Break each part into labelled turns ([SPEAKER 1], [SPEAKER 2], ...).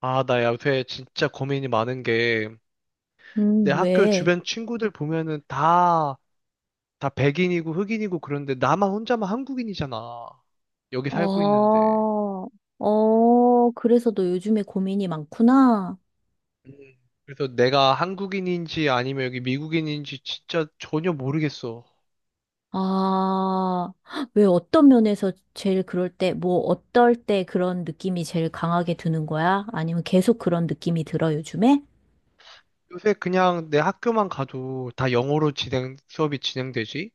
[SPEAKER 1] 아, 나 요새 진짜 고민이 많은 게, 내 학교
[SPEAKER 2] 왜?
[SPEAKER 1] 주변 친구들 보면은 다 백인이고 흑인이고 그런데 나만 혼자만 한국인이잖아. 여기
[SPEAKER 2] 아,
[SPEAKER 1] 살고 있는데.
[SPEAKER 2] 어, 그래서 너 요즘에 고민이 많구나.
[SPEAKER 1] 음. 그래서 내가 한국인인지 아니면 여기 미국인인지 진짜 전혀 모르겠어.
[SPEAKER 2] 아, 왜 어떤 면에서 제일 그럴 때, 뭐, 어떨 때 그런 느낌이 제일 강하게 드는 거야? 아니면 계속 그런 느낌이 들어, 요즘에?
[SPEAKER 1] 요새 그냥 내 학교만 가도 다 영어로 진행, 수업이 진행되지?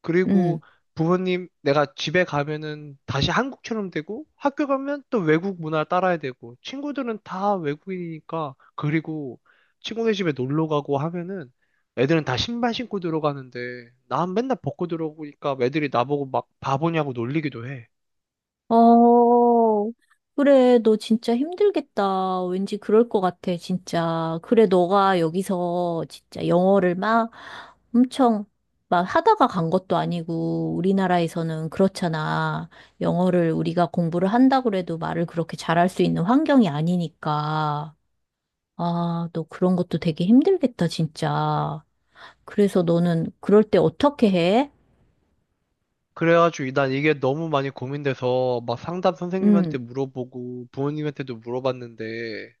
[SPEAKER 1] 그리고
[SPEAKER 2] 음.
[SPEAKER 1] 부모님, 내가 집에 가면은 다시 한국처럼 되고, 학교 가면 또 외국 문화 따라야 되고, 친구들은 다 외국인이니까, 그리고 친구네 집에 놀러 가고 하면은 애들은 다 신발 신고 들어가는데, 난 맨날 벗고 들어오니까 애들이 나보고 막 바보냐고 놀리기도 해.
[SPEAKER 2] 어, 그래, 너 진짜 힘들겠다. 왠지 그럴 것 같아, 진짜. 그래, 너가 여기서 진짜 영어를 막 엄청 막 하다가 간 것도 아니고, 우리나라에서는 그렇잖아. 영어를 우리가 공부를 한다고 해도 말을 그렇게 잘할 수 있는 환경이 아니니까. 아, 너 그런 것도 되게 힘들겠다, 진짜. 그래서 너는 그럴 때 어떻게 해?
[SPEAKER 1] 그래가지고 난 이게 너무 많이 고민돼서 막 상담
[SPEAKER 2] 응,
[SPEAKER 1] 선생님한테 물어보고 부모님한테도 물어봤는데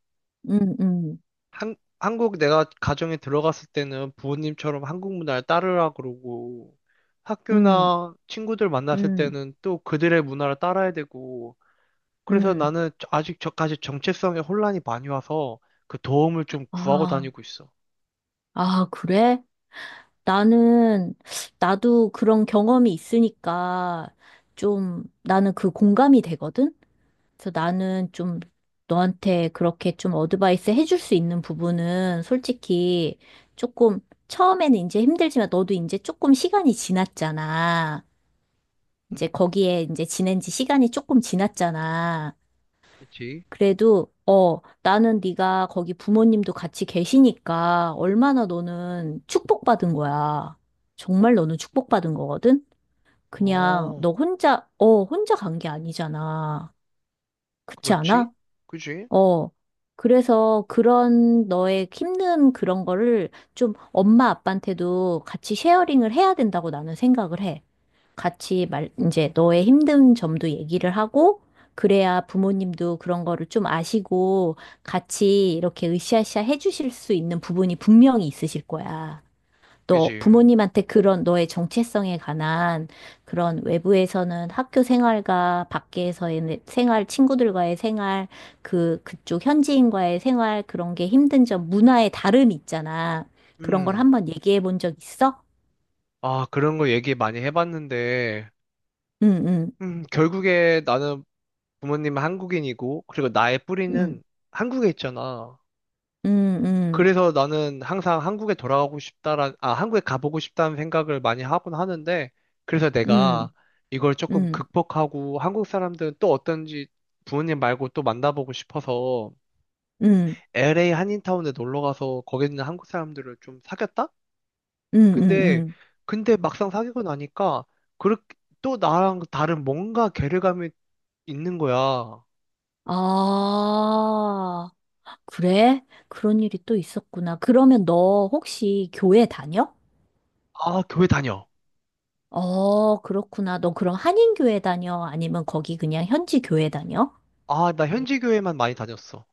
[SPEAKER 2] 응, 응,
[SPEAKER 1] 한국 내가 가정에 들어갔을 때는 부모님처럼 한국 문화를 따르라 그러고
[SPEAKER 2] 응,
[SPEAKER 1] 학교나 친구들 만났을
[SPEAKER 2] 응,
[SPEAKER 1] 때는 또 그들의 문화를 따라야 되고 그래서
[SPEAKER 2] 응.
[SPEAKER 1] 나는 아직 저까지 정체성에 혼란이 많이 와서 그 도움을 좀 구하고
[SPEAKER 2] 아.
[SPEAKER 1] 다니고 있어.
[SPEAKER 2] 아, 그래? 나는, 나도 그런 경험이 있으니까 좀 나는 그 공감이 되거든? 그래서 나는 좀 너한테 그렇게 좀 어드바이스 해줄 수 있는 부분은 솔직히 조금 처음에는 이제 힘들지만 너도 이제 조금 시간이 지났잖아.
[SPEAKER 1] 음,
[SPEAKER 2] 이제 거기에 이제 지낸 지 시간이 조금 지났잖아.
[SPEAKER 1] 그치?
[SPEAKER 2] 그래도 어 나는 네가 거기 부모님도 같이 계시니까 얼마나 너는 축복받은 거야. 정말 너는 축복받은 거거든. 그냥
[SPEAKER 1] 어,
[SPEAKER 2] 너 혼자 어 혼자 간 게 아니잖아. 그렇지
[SPEAKER 1] 그렇지?
[SPEAKER 2] 않아?
[SPEAKER 1] 그지?
[SPEAKER 2] 어. 그래서 그런 너의 힘든 그런 거를 좀 엄마 아빠한테도 같이 쉐어링을 해야 된다고 나는 생각을 해. 같이 말, 이제 너의 힘든 점도 얘기를 하고, 그래야 부모님도 그런 거를 좀 아시고, 같이 이렇게 으쌰으쌰 해주실 수 있는 부분이 분명히 있으실 거야. 또
[SPEAKER 1] 그지?
[SPEAKER 2] 부모님한테 그런 너의 정체성에 관한 그런 외부에서는 학교 생활과 밖에서의 생활, 친구들과의 생활, 그, 그쪽 현지인과의 생활, 그런 게 힘든 점, 문화의 다름이 있잖아. 그런 걸
[SPEAKER 1] 음,
[SPEAKER 2] 한번 얘기해 본 적 있어?
[SPEAKER 1] 아, 그런 거 얘기 많이 해봤는데,
[SPEAKER 2] 응, 응,
[SPEAKER 1] 결국에 나는 부모님은 한국인이고, 그리고 나의
[SPEAKER 2] 응,
[SPEAKER 1] 뿌리는 한국에 있잖아.
[SPEAKER 2] 응, 응.
[SPEAKER 1] 그래서 나는 항상 한국에 돌아가고 싶다라, 아, 한국에 가보고 싶다는 생각을 많이 하곤 하는데, 그래서
[SPEAKER 2] 음,
[SPEAKER 1] 내가 이걸 조금
[SPEAKER 2] 음,
[SPEAKER 1] 극복하고 한국 사람들은 또 어떤지 부모님 말고 또 만나보고 싶어서
[SPEAKER 2] 음,
[SPEAKER 1] LA 한인타운에 놀러 가서 거기 있는 한국 사람들을 좀 사귀었다?
[SPEAKER 2] 음, 음,
[SPEAKER 1] 근데,
[SPEAKER 2] 음.
[SPEAKER 1] 근데 막상 사귀고 나니까, 그렇게 또 나랑 다른 뭔가 괴리감이 있는 거야. 아,
[SPEAKER 2] 아, 그래? 그런 일이 또 있었구나. 그러면 너 혹시 교회 다녀?
[SPEAKER 1] 교회 다녀.
[SPEAKER 2] 어, 그렇구나. 너 그럼 한인교회 다녀? 아니면 거기 그냥 현지 교회 다녀?
[SPEAKER 1] 아, 나 현지 교회만 많이 다녔어.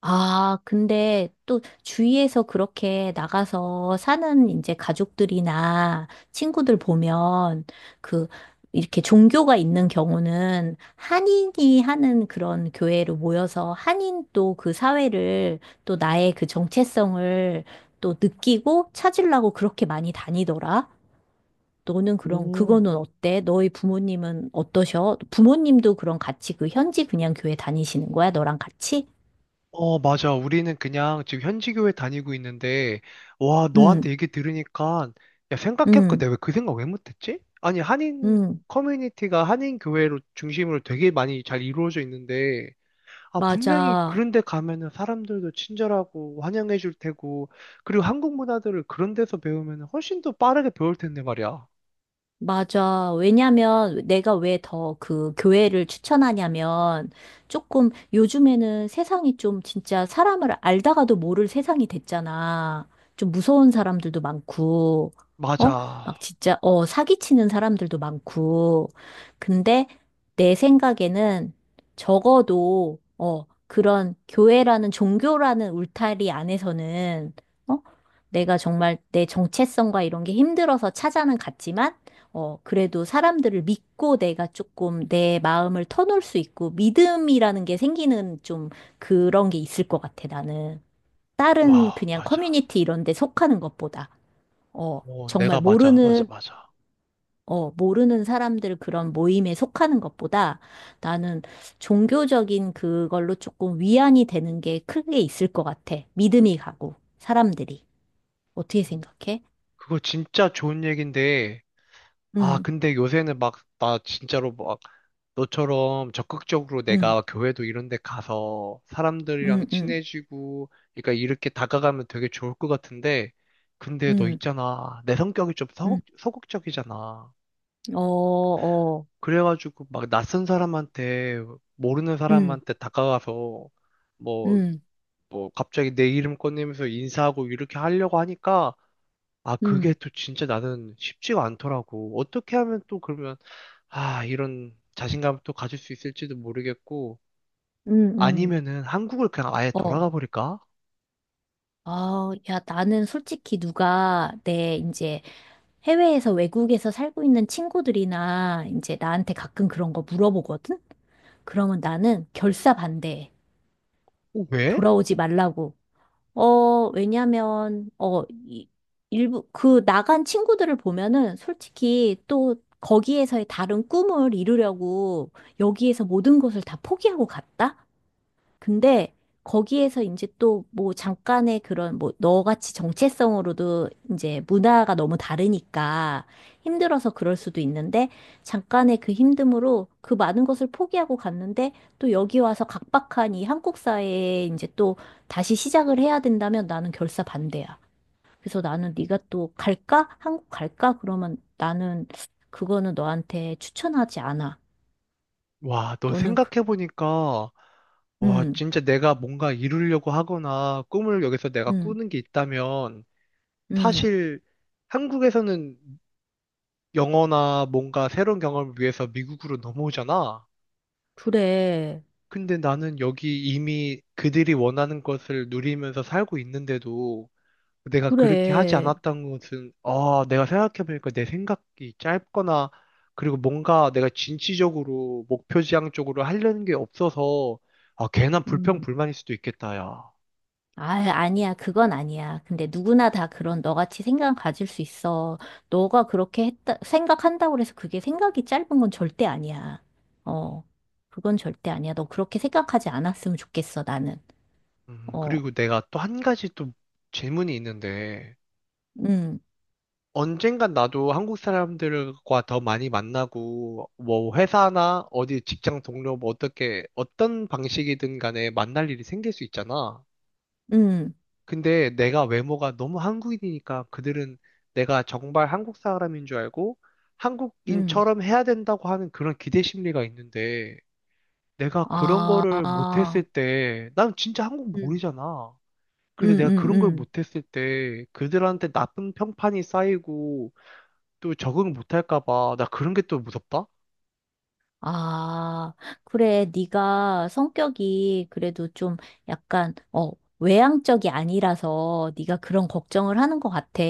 [SPEAKER 2] 아, 근데 또 주위에서 그렇게 나가서 사는 이제 가족들이나 친구들 보면 그 이렇게 종교가 있는 경우는 한인이 하는 그런 교회로 모여서 한인 또 그 사회를 또 나의 그 정체성을 또 느끼고 찾으려고 그렇게 많이 다니더라. 너는 그럼
[SPEAKER 1] 오,
[SPEAKER 2] 그거는 어때? 너희 부모님은 어떠셔? 부모님도 그럼 같이 그 현지 그냥 교회 다니시는 거야? 너랑 같이?
[SPEAKER 1] 어, 맞아. 우리는 그냥 지금 현지교회 다니고 있는데, 와,
[SPEAKER 2] 응.
[SPEAKER 1] 너한테 얘기 들으니까, 야, 생각해보니까
[SPEAKER 2] 응.
[SPEAKER 1] 내가 왜 그 생각 왜 못했지? 아니, 한인
[SPEAKER 2] 응,
[SPEAKER 1] 커뮤니티가 한인 교회로 중심으로 되게 많이 잘 이루어져 있는데, 아, 분명히
[SPEAKER 2] 맞아.
[SPEAKER 1] 그런 데 가면은 사람들도 친절하고 환영해줄 테고, 그리고 한국 문화들을 그런 데서 배우면 훨씬 더 빠르게 배울 텐데 말이야.
[SPEAKER 2] 맞아. 왜냐면 내가 왜 더 그 교회를 추천하냐면 조금 요즘에는 세상이 좀 진짜 사람을 알다가도 모를 세상이 됐잖아. 좀 무서운 사람들도 많고, 어?
[SPEAKER 1] 맞아.
[SPEAKER 2] 막 진짜, 어, 사기치는 사람들도 많고. 근데 내 생각에는 적어도, 어, 그런 교회라는 종교라는 울타리 안에서는, 어? 내가 정말 내 정체성과 이런 게 힘들어서 찾아는 갔지만, 어, 그래도 사람들을 믿고 내가 조금 내 마음을 터놓을 수 있고 믿음이라는 게 생기는 좀 그런 게 있을 것 같아, 나는. 다른
[SPEAKER 1] 와,
[SPEAKER 2] 그냥
[SPEAKER 1] 맞아.
[SPEAKER 2] 커뮤니티 이런 데 속하는 것보다. 어,
[SPEAKER 1] 어,
[SPEAKER 2] 정말
[SPEAKER 1] 내가 맞아, 맞아,
[SPEAKER 2] 모르는,
[SPEAKER 1] 맞아.
[SPEAKER 2] 어, 모르는 사람들 그런 모임에 속하는 것보다 나는 종교적인 그걸로 조금 위안이 되는 게 크게 있을 것 같아. 믿음이 가고, 사람들이. 어떻게 생각해?
[SPEAKER 1] 그거 진짜 좋은 얘기인데, 아,
[SPEAKER 2] 응,
[SPEAKER 1] 근데 요새는 막, 나 진짜로 막, 너처럼 적극적으로
[SPEAKER 2] 응,
[SPEAKER 1] 내가 교회도 이런 데 가서 사람들이랑
[SPEAKER 2] 응, 응,
[SPEAKER 1] 친해지고, 그러니까 이렇게 다가가면 되게 좋을 것 같은데, 근데 너
[SPEAKER 2] 응,
[SPEAKER 1] 있잖아. 내 성격이 좀
[SPEAKER 2] 응.
[SPEAKER 1] 서극적이잖아.
[SPEAKER 2] 어, 어.
[SPEAKER 1] 그래가지고 막 낯선 사람한테, 모르는
[SPEAKER 2] 음,
[SPEAKER 1] 사람한테 다가가서, 뭐,
[SPEAKER 2] 음,
[SPEAKER 1] 뭐, 갑자기 내 이름 꺼내면서 인사하고 이렇게 하려고 하니까, 아, 그게
[SPEAKER 2] 음,
[SPEAKER 1] 또 진짜 나는 쉽지가 않더라고. 어떻게 하면 또 그러면, 아, 이런 자신감을 또 가질 수 있을지도 모르겠고,
[SPEAKER 2] 음, 음.
[SPEAKER 1] 아니면은 한국을 그냥 아예
[SPEAKER 2] 어,
[SPEAKER 1] 돌아가 버릴까?
[SPEAKER 2] 아, 야, 나는 솔직히 누가 내 이제 해외에서 외국에서 살고 있는 친구들이나 이제 나한테 가끔 그런 거 물어보거든? 그러면 나는 결사 반대해.
[SPEAKER 1] 어, 왜?
[SPEAKER 2] 돌아오지 말라고. 어, 왜냐면, 어, 이, 일부, 그 나간 친구들을 보면은 솔직히 또 거기에서의 다른 꿈을 이루려고 여기에서 모든 것을 다 포기하고 갔다? 근데 거기에서 이제 또 뭐 잠깐의 그런 뭐 너같이 정체성으로도 이제 문화가 너무 다르니까 힘들어서 그럴 수도 있는데 잠깐의 그 힘듦으로 그 많은 것을 포기하고 갔는데 또 여기 와서 각박한 이 한국 사회에 이제 또 다시 시작을 해야 된다면 나는 결사 반대야. 그래서 나는 네가 또 갈까? 한국 갈까? 그러면 나는 그거는 너한테 추천하지 않아.
[SPEAKER 1] 와, 너
[SPEAKER 2] 너는 그,
[SPEAKER 1] 생각해보니까, 와,
[SPEAKER 2] 음,
[SPEAKER 1] 진짜 내가 뭔가 이루려고 하거나 꿈을 여기서 내가
[SPEAKER 2] 음,
[SPEAKER 1] 꾸는 게 있다면,
[SPEAKER 2] 음,
[SPEAKER 1] 사실 한국에서는 영어나 뭔가 새로운 경험을 위해서 미국으로 넘어오잖아.
[SPEAKER 2] 그래.
[SPEAKER 1] 근데 나는 여기 이미 그들이 원하는 것을 누리면서 살고 있는데도 내가 그렇게 하지
[SPEAKER 2] 그래.
[SPEAKER 1] 않았던 것은, 아, 내가 생각해보니까 내 생각이 짧거나, 그리고 뭔가 내가 진취적으로 목표지향 쪽으로 하려는 게 없어서, 아, 괜한
[SPEAKER 2] 음.
[SPEAKER 1] 불평불만일 수도 있겠다, 야.
[SPEAKER 2] 아, 아니야. 그건 아니야. 근데 누구나 다 그런 너같이 생각 가질 수 있어. 너가 그렇게 했다, 생각한다고 해서 그게 생각이 짧은 건 절대 아니야. 어. 그건 절대 아니야. 너 그렇게 생각하지 않았으면 좋겠어, 나는. 어.
[SPEAKER 1] 그리고 내가 또 한 가지 또 질문이 있는데,
[SPEAKER 2] 음,
[SPEAKER 1] 언젠간 나도 한국 사람들과 더 많이 만나고, 뭐, 회사나 어디 직장 동료, 뭐, 어떻게, 어떤 방식이든 간에 만날 일이 생길 수 있잖아.
[SPEAKER 2] 음,
[SPEAKER 1] 근데 내가 외모가 너무 한국인이니까 그들은 내가 정말 한국 사람인 줄 알고,
[SPEAKER 2] 음.
[SPEAKER 1] 한국인처럼 해야 된다고 하는 그런 기대 심리가 있는데, 내가 그런 거를
[SPEAKER 2] 아,
[SPEAKER 1] 못했을 때, 난 진짜 한국
[SPEAKER 2] 음,
[SPEAKER 1] 모르잖아. 그래서 내가 그런 걸
[SPEAKER 2] 응.
[SPEAKER 1] 못했을 때, 그들한테 나쁜 평판이 쌓이고, 또 적응 못할까 봐. 나 그런 게 또 무섭다?
[SPEAKER 2] 아, 그래. 네가 성격이 그래도 좀 약간 어 외향적이 아니라서 네가 그런 걱정을 하는 것 같아.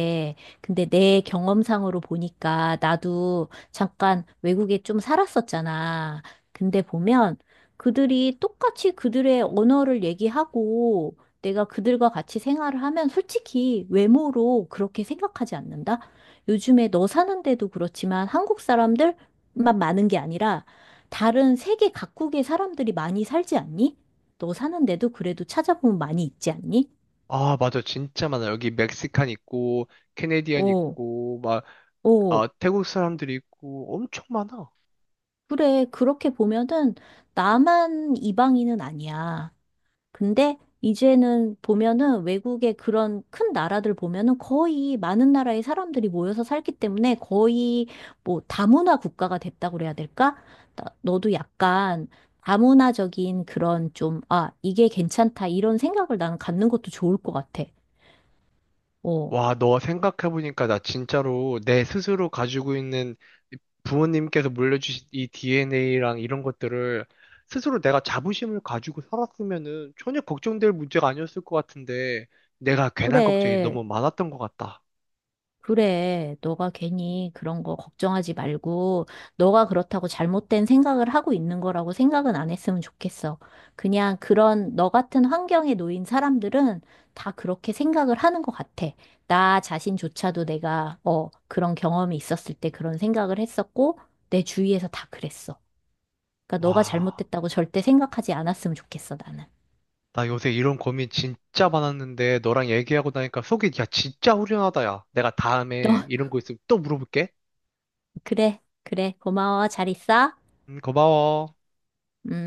[SPEAKER 2] 근데 내 경험상으로 보니까 나도 잠깐 외국에 좀 살았었잖아. 근데 보면 그들이 똑같이 그들의 언어를 얘기하고 내가 그들과 같이 생활을 하면 솔직히 외모로 그렇게 생각하지 않는다. 요즘에 너 사는데도 그렇지만 한국 사람들 만 많은 게 아니라 다른 세계 각국의 사람들이 많이 살지 않니? 너 사는데도 그래도 찾아보면 많이 있지 않니?
[SPEAKER 1] 아, 맞아. 진짜 많아. 여기 멕시칸 있고, 캐네디언
[SPEAKER 2] 오,
[SPEAKER 1] 있고, 막,
[SPEAKER 2] 오,
[SPEAKER 1] 아, 태국 사람들이 있고, 엄청 많아.
[SPEAKER 2] 그래. 그렇게 보면은 나만 이방인은 아니야. 근데 이제는 보면은 외국의 그런 큰 나라들 보면은 거의 많은 나라의 사람들이 모여서 살기 때문에 거의 뭐 다문화 국가가 됐다고 그래야 될까? 나- 너도 약간 다문화적인 그런 좀, 아, 이게 괜찮다, 이런 생각을 나는 갖는 것도 좋을 것 같아. 어.
[SPEAKER 1] 와, 너 생각해보니까 나 진짜로 내 스스로 가지고 있는 부모님께서 물려주신 이 DNA랑 이런 것들을 스스로 내가 자부심을 가지고 살았으면은 전혀 걱정될 문제가 아니었을 것 같은데, 내가 괜한 걱정이
[SPEAKER 2] 그래,
[SPEAKER 1] 너무 많았던 것 같다.
[SPEAKER 2] 그래. 너가 괜히 그런 거 걱정하지 말고, 너가 그렇다고 잘못된 생각을 하고 있는 거라고 생각은 안 했으면 좋겠어. 그냥 그런 너 같은 환경에 놓인 사람들은 다 그렇게 생각을 하는 것 같아. 나 자신조차도 내가, 어, 그런 경험이 있었을 때 그런 생각을 했었고, 내 주위에서 다 그랬어. 그러니까 너가
[SPEAKER 1] 와.
[SPEAKER 2] 잘못됐다고 절대 생각하지 않았으면 좋겠어, 나는.
[SPEAKER 1] 나 요새 이런 고민 진짜 많았는데 너랑 얘기하고 나니까 속이 야 진짜 후련하다 야. 내가
[SPEAKER 2] 너,
[SPEAKER 1] 다음에 이런 거 있으면 또 물어볼게.
[SPEAKER 2] 그래, 그래. 고마워. 잘 있어.
[SPEAKER 1] 고마워.
[SPEAKER 2] 음.